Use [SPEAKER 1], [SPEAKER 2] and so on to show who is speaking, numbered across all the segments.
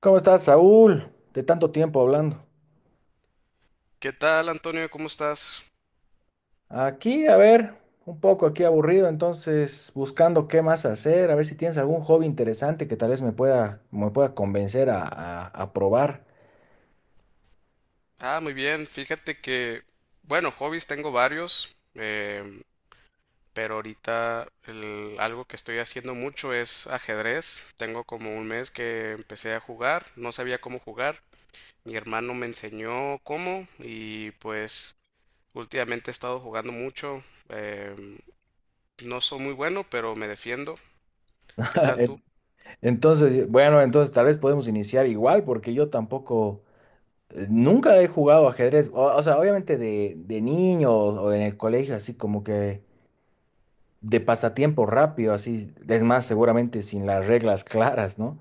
[SPEAKER 1] ¿Cómo estás, Saúl? De tanto tiempo hablando.
[SPEAKER 2] ¿Qué tal, Antonio? ¿Cómo estás?
[SPEAKER 1] Aquí, a ver, un poco aquí aburrido, entonces buscando qué más hacer, a ver si tienes algún hobby interesante que tal vez me pueda convencer a, a probar.
[SPEAKER 2] Ah, muy bien. Fíjate que, bueno, hobbies tengo varios. Pero ahorita algo que estoy haciendo mucho es ajedrez. Tengo como un mes que empecé a jugar, no sabía cómo jugar. Mi hermano me enseñó cómo y pues últimamente he estado jugando mucho. em, no soy muy bueno, pero me defiendo. ¿Qué tal tú?
[SPEAKER 1] En- Entonces, bueno, entonces tal vez podemos iniciar igual, porque yo tampoco, nunca he jugado ajedrez, o sea, obviamente de niño o en el colegio, así como que de pasatiempo rápido, así, es más, seguramente sin las reglas claras, ¿no?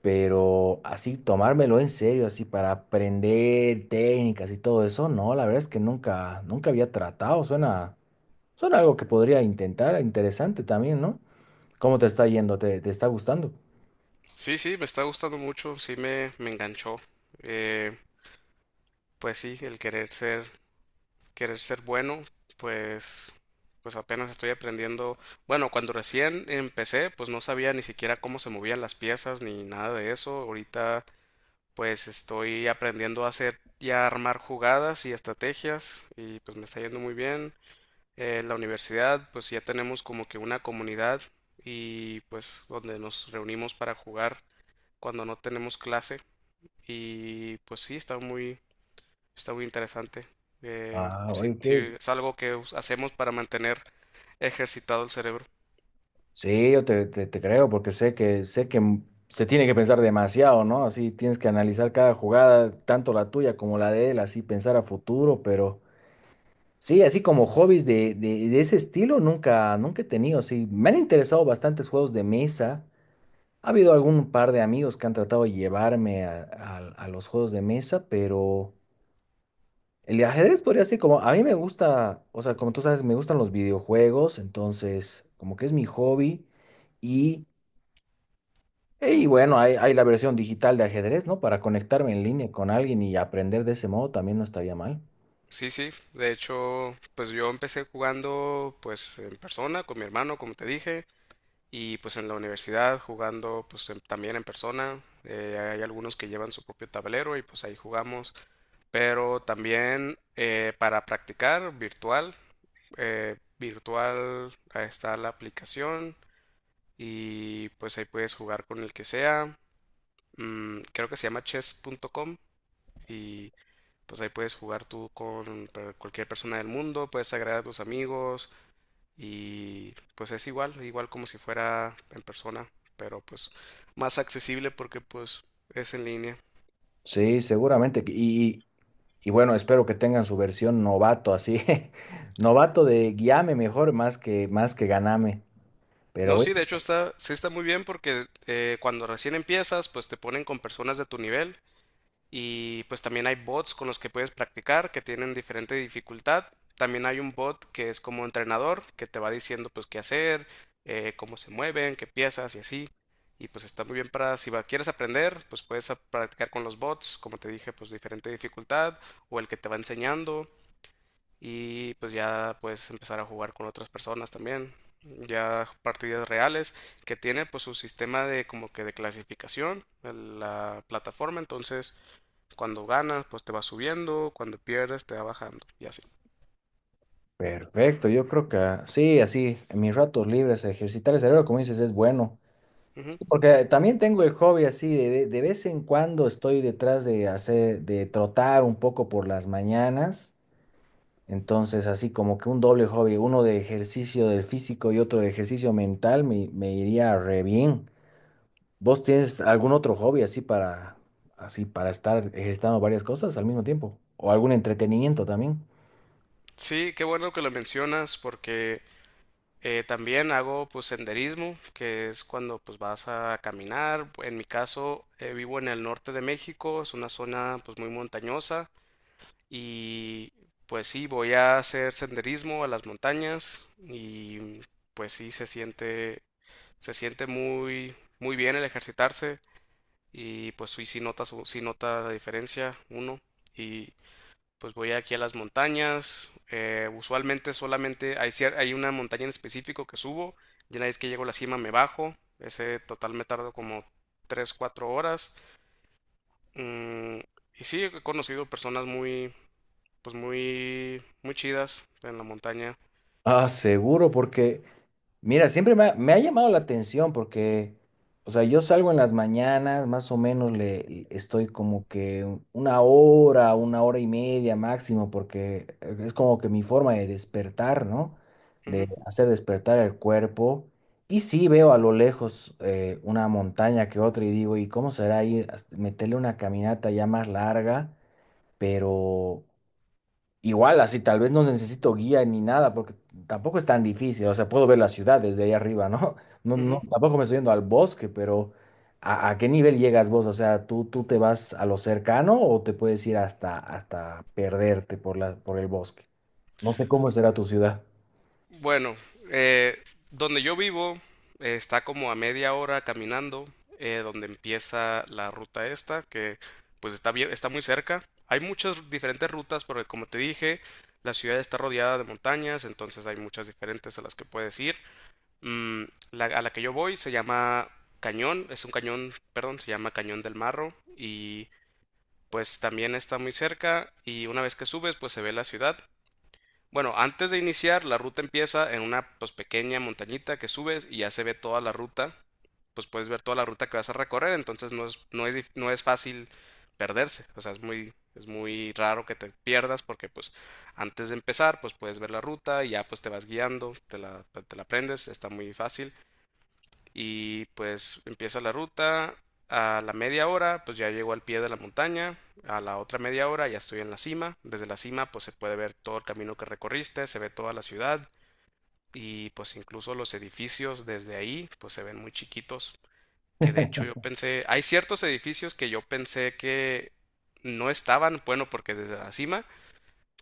[SPEAKER 1] Pero así tomármelo en serio, así para aprender técnicas y todo eso, no, la verdad es que nunca, nunca había tratado, suena, suena algo que podría intentar, interesante también, ¿no? ¿Cómo te está yendo? ¿Te, te está gustando?
[SPEAKER 2] Sí, sí, me está gustando mucho, sí me enganchó. Eh, pues sí, el querer ser bueno, pues, pues apenas estoy aprendiendo. Bueno, cuando recién empecé, pues no sabía ni siquiera cómo se movían las piezas ni nada de eso. Ahorita, pues estoy aprendiendo a hacer y a armar jugadas y estrategias y pues me está yendo muy bien. En la universidad, pues ya tenemos como que una comunidad y pues donde nos reunimos para jugar cuando no tenemos clase. Y pues sí, está muy interesante.
[SPEAKER 1] Ah,
[SPEAKER 2] Sí,
[SPEAKER 1] oye,
[SPEAKER 2] sí,
[SPEAKER 1] qué...
[SPEAKER 2] es algo que hacemos para mantener ejercitado el cerebro.
[SPEAKER 1] Sí, yo te, te creo porque sé que se tiene que pensar demasiado, ¿no? Así tienes que analizar cada jugada, tanto la tuya como la de él, así pensar a futuro, pero sí, así como hobbies de, de ese estilo nunca, nunca he tenido. Sí, me han interesado bastantes juegos de mesa. Ha habido algún par de amigos que han tratado de llevarme a, a los juegos de mesa, pero el ajedrez podría ser como, a mí me gusta, o sea, como tú sabes, me gustan los videojuegos, entonces como que es mi hobby. Y, y bueno, hay la versión digital de ajedrez, ¿no? Para conectarme en línea con alguien y aprender de ese modo también no estaría mal.
[SPEAKER 2] Sí, sí. De hecho, pues yo empecé jugando pues en persona con mi hermano, como te dije, y pues en la universidad jugando también en persona. Hay algunos que llevan su propio tablero y pues ahí jugamos. Pero también para practicar virtual, virtual ahí está la aplicación y pues ahí puedes jugar con el que sea. Mm, creo que se llama chess.com y pues ahí puedes jugar tú con cualquier persona del mundo, puedes agregar a tus amigos y pues es igual, igual como si fuera en persona, pero pues más accesible porque pues es en línea.
[SPEAKER 1] Sí, seguramente. Y y bueno, espero que tengan su versión novato, así, novato de guíame mejor más que ganame. Pero
[SPEAKER 2] No,
[SPEAKER 1] bueno,
[SPEAKER 2] sí, de hecho está, sí está muy bien porque cuando recién empiezas, pues te ponen con personas de tu nivel. Y pues también hay bots con los que puedes practicar que tienen diferente dificultad. También hay un bot que es como entrenador que te va diciendo pues qué hacer, cómo se mueven, qué piezas y así. Y pues está muy bien para si va- quieres aprender, pues puedes practicar con los bots, como te dije, pues diferente dificultad o el que te va enseñando. Y pues ya puedes empezar a jugar con otras personas también. Ya partidas reales que tiene pues su sistema de como que de clasificación, de la plataforma. Entonces cuando ganas, pues te va subiendo, cuando pierdes, te va bajando y así.
[SPEAKER 1] perfecto, yo creo que ah, sí, así, en mis ratos libres, ejercitar el cerebro, como dices, es bueno.
[SPEAKER 2] Ujú.
[SPEAKER 1] Sí, porque también tengo el hobby así, de, de vez en cuando estoy detrás de hacer, de trotar un poco por las mañanas. Entonces, así como que un doble hobby, uno de ejercicio del físico y otro de ejercicio mental, me iría re bien. ¿Vos tienes algún otro hobby así para, así para estar ejercitando varias cosas al mismo tiempo? ¿O algún entretenimiento también?
[SPEAKER 2] Sí, qué bueno que lo mencionas porque también hago pues senderismo, que es cuando pues vas a caminar. En mi caso, vivo en el norte de México, es una zona pues muy montañosa y pues sí, voy a hacer senderismo a las montañas y pues sí se siente muy muy bien el ejercitarse. Y pues sí, sí nota la diferencia uno y pues voy aquí a las montañas, usualmente solamente hay una montaña en específico que subo y una vez que llego a la cima me bajo, ese total me tardo como tres cuatro horas. Mm, y sí, he conocido personas pues muy, muy chidas en la montaña.
[SPEAKER 1] Ah, seguro, porque mira, siempre me ha llamado la atención porque, o sea, yo salgo en las mañanas, más o menos estoy como que un- una hora y media máximo, porque es como que mi forma de despertar, ¿no? De
[SPEAKER 2] Ujú,
[SPEAKER 1] hacer despertar el cuerpo. Y sí veo a lo lejos una montaña que otra y digo, ¿y cómo será ahí? Hasta meterle una caminata ya más larga, pero igual, así tal vez no necesito guía ni nada, porque tampoco es tan difícil. O sea, puedo ver la ciudad desde ahí arriba, ¿no? No, no,
[SPEAKER 2] ujú.
[SPEAKER 1] tampoco me estoy yendo al bosque, pero a qué nivel llegas vos? O sea, ¿tú, tú te vas a lo cercano o te puedes ir hasta, hasta perderte por la, por el bosque? No sé cómo será tu ciudad.
[SPEAKER 2] Bueno, eh, donde yo vivo está como a media hora caminando, donde empieza la ruta esta, que pues está bien, está muy cerca. Hay muchas diferentes rutas, porque como te dije, la ciudad está rodeada de montañas, entonces hay muchas diferentes a las que puedes ir. Mm, a la que yo voy se llama Cañón, es un cañón, perdón, se llama Cañón del Marro y pues también está muy cerca y una vez que subes pues se ve la ciudad. Bueno, antes de iniciar, la ruta empieza en una pues pequeña montañita que subes y ya se ve toda la ruta. Pues puedes ver toda la ruta que vas a recorrer, entonces no es fácil perderse. O sea, es muy raro que te pierdas porque pues antes de empezar, pues puedes ver la ruta y ya pues te vas guiando, te la aprendes, está muy fácil y pues empieza la ruta. A la media hora, pues ya llego al pie de la montaña. A la otra media hora ya estoy en la cima. Desde la cima, pues se puede ver todo el camino que recorriste, se ve toda la ciudad y pues incluso los edificios desde ahí, pues se ven muy chiquitos. Que de hecho yo pensé, hay ciertos edificios que yo pensé que no estaban, bueno, porque desde la cima,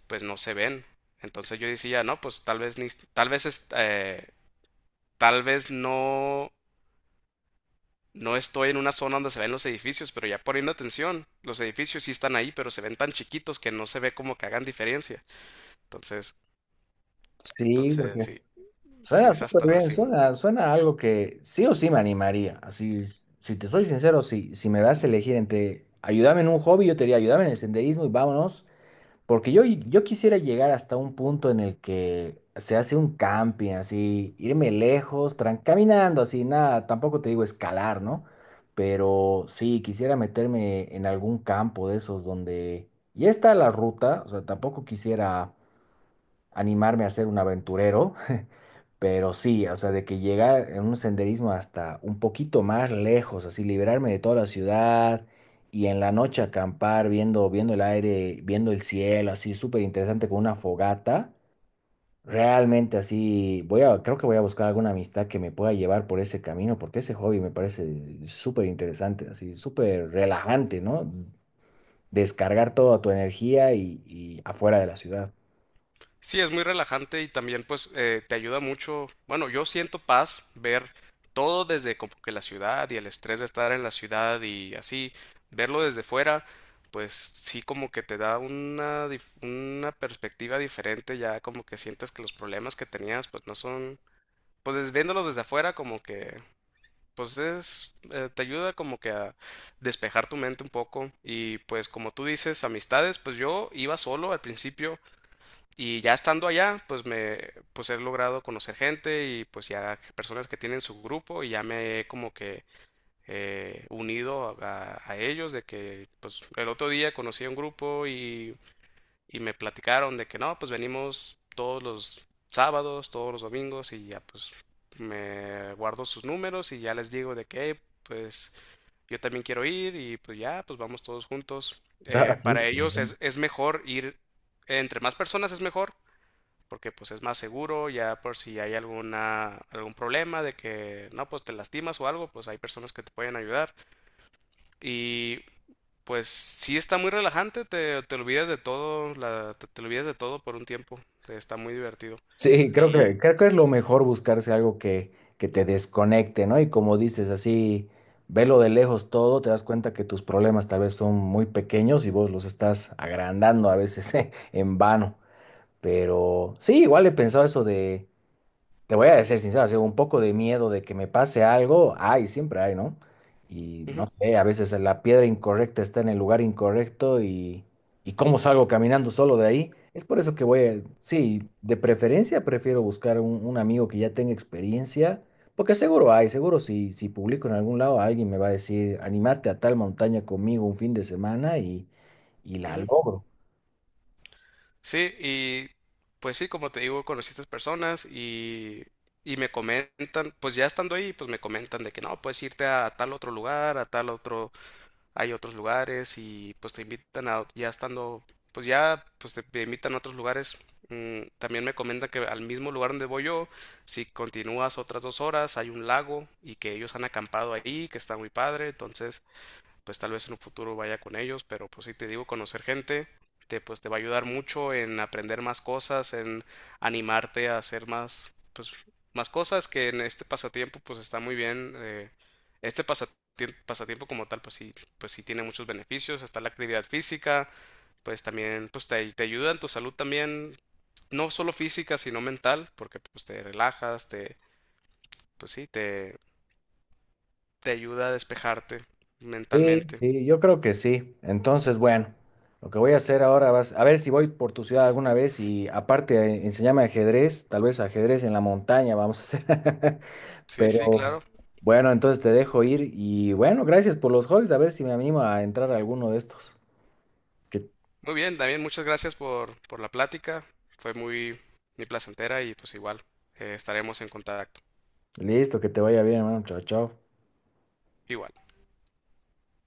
[SPEAKER 2] pues no se ven. Entonces yo decía, no, pues tal vez es- eh, tal vez no no estoy en una zona donde se ven los edificios, pero ya poniendo atención, los edificios sí están ahí, pero se ven tan chiquitos que no se ve como que hagan diferencia. Entonces,
[SPEAKER 1] Sí,
[SPEAKER 2] entonces
[SPEAKER 1] porque
[SPEAKER 2] sí, sí
[SPEAKER 1] suena
[SPEAKER 2] es
[SPEAKER 1] súper
[SPEAKER 2] hasta la
[SPEAKER 1] bien,
[SPEAKER 2] cima.
[SPEAKER 1] suena, suena a algo que sí o sí me animaría. Así, si te soy sincero, si, si me das a elegir entre ayudarme en un hobby, yo te diría ayudarme en el senderismo y vámonos. Porque yo quisiera llegar hasta un punto en el que se hace un camping, así, irme lejos, tran- caminando, así, nada, tampoco te digo escalar, ¿no? Pero sí, quisiera meterme en algún campo de esos donde ya está la ruta, o sea, tampoco quisiera animarme a ser un aventurero. Pero sí, o sea, de que llegar en un senderismo hasta un poquito más lejos, así liberarme de toda la ciudad y en la noche acampar viendo, viendo el aire, viendo el cielo, así súper interesante con una fogata. Realmente así, voy a, creo que voy a buscar alguna amistad que me pueda llevar por ese camino, porque ese hobby me parece súper interesante, así súper relajante, ¿no? Descargar toda tu energía y afuera de la ciudad.
[SPEAKER 2] Sí, es muy relajante y también pues te ayuda mucho. Bueno, yo siento paz ver todo desde como que la ciudad y el estrés de estar en la ciudad y así, verlo desde fuera, pues sí como que te da una perspectiva diferente, ya como que sientes que los problemas que tenías pues no son viéndolos desde afuera como que pues es te ayuda como que a despejar tu mente un poco y pues como tú dices amistades pues yo iba solo al principio y ya estando allá pues he logrado conocer gente y pues ya personas que tienen su grupo y ya me he como que unido a ellos de que pues el otro día conocí a un grupo y me platicaron de que no, pues venimos todos los sábados, todos los domingos y ya pues me guardo sus números y ya les digo de que "Hey, pues yo también quiero ir y pues ya, pues vamos todos juntos.
[SPEAKER 1] Está
[SPEAKER 2] Para ellos
[SPEAKER 1] interesante.
[SPEAKER 2] es mejor ir, entre más personas es mejor, porque pues es más seguro, ya por si hay algún problema de que no, pues te lastimas o algo, pues hay personas que te pueden ayudar. Y pues sí está muy relajante, te olvidas de todo, te olvidas de todo por un tiempo, está muy divertido.
[SPEAKER 1] Sí,
[SPEAKER 2] Y...
[SPEAKER 1] creo que es lo mejor buscarse algo que te desconecte, ¿no? Y como dices, así, velo de lejos todo, te das cuenta que tus problemas tal vez son muy pequeños y vos los estás agrandando a veces en vano. Pero sí, igual he pensado eso, te voy a ser sincero, así, un poco de miedo de que me pase algo, hay, siempre hay, ¿no? Y no
[SPEAKER 2] ujú,
[SPEAKER 1] sé, a veces la piedra incorrecta está en el lugar incorrecto y cómo salgo caminando solo de ahí. Es por eso que voy a, sí, de preferencia prefiero buscar un amigo que ya tenga experiencia, porque seguro hay, seguro si, si publico en algún lado, alguien me va a decir, animate a tal montaña conmigo un fin de semana y la
[SPEAKER 2] ujú.
[SPEAKER 1] logro.
[SPEAKER 2] Sí, y pues sí, como te digo, conocí a estas personas y me comentan, pues ya estando ahí, pues me comentan de que no, puedes irte a, tal otro lugar, a tal otro hay otros lugares y pues te invitan a, ya estando, pues ya, pues te invitan a otros lugares. Mm, también me comentan que al mismo lugar donde voy yo, si continúas otras dos horas, hay un lago y que ellos han acampado ahí, que está muy padre. Entonces, pues tal vez en un futuro vaya con ellos, pero pues sí te digo, conocer gente pues te va a ayudar mucho en aprender más cosas, en animarte a hacer más, pues, más cosas que en este pasatiempo pues está muy bien. Pasatiempo como tal pues sí tiene muchos beneficios, está la actividad física, pues también pues te ayuda en tu salud también, no solo física sino mental, porque pues te relajas, pues sí, te ayuda a despejarte
[SPEAKER 1] Sí,
[SPEAKER 2] mentalmente.
[SPEAKER 1] sí, yo creo que sí. Entonces, bueno, lo que voy a hacer ahora va a ser- a ver si voy por tu ciudad alguna vez y aparte enséñame ajedrez, tal vez ajedrez en la montaña vamos a hacer.
[SPEAKER 2] Sí, sí,
[SPEAKER 1] Pero
[SPEAKER 2] claro.
[SPEAKER 1] bueno, entonces te dejo ir y bueno, gracias por los hobbies, a ver si me animo a entrar a alguno de estos. Que,
[SPEAKER 2] Muy bien, también muchas gracias por la plática. Fue muy, muy placentera y pues igual estaremos en contacto.
[SPEAKER 1] listo, que te vaya bien, hermano. Chao, chao.
[SPEAKER 2] Igual.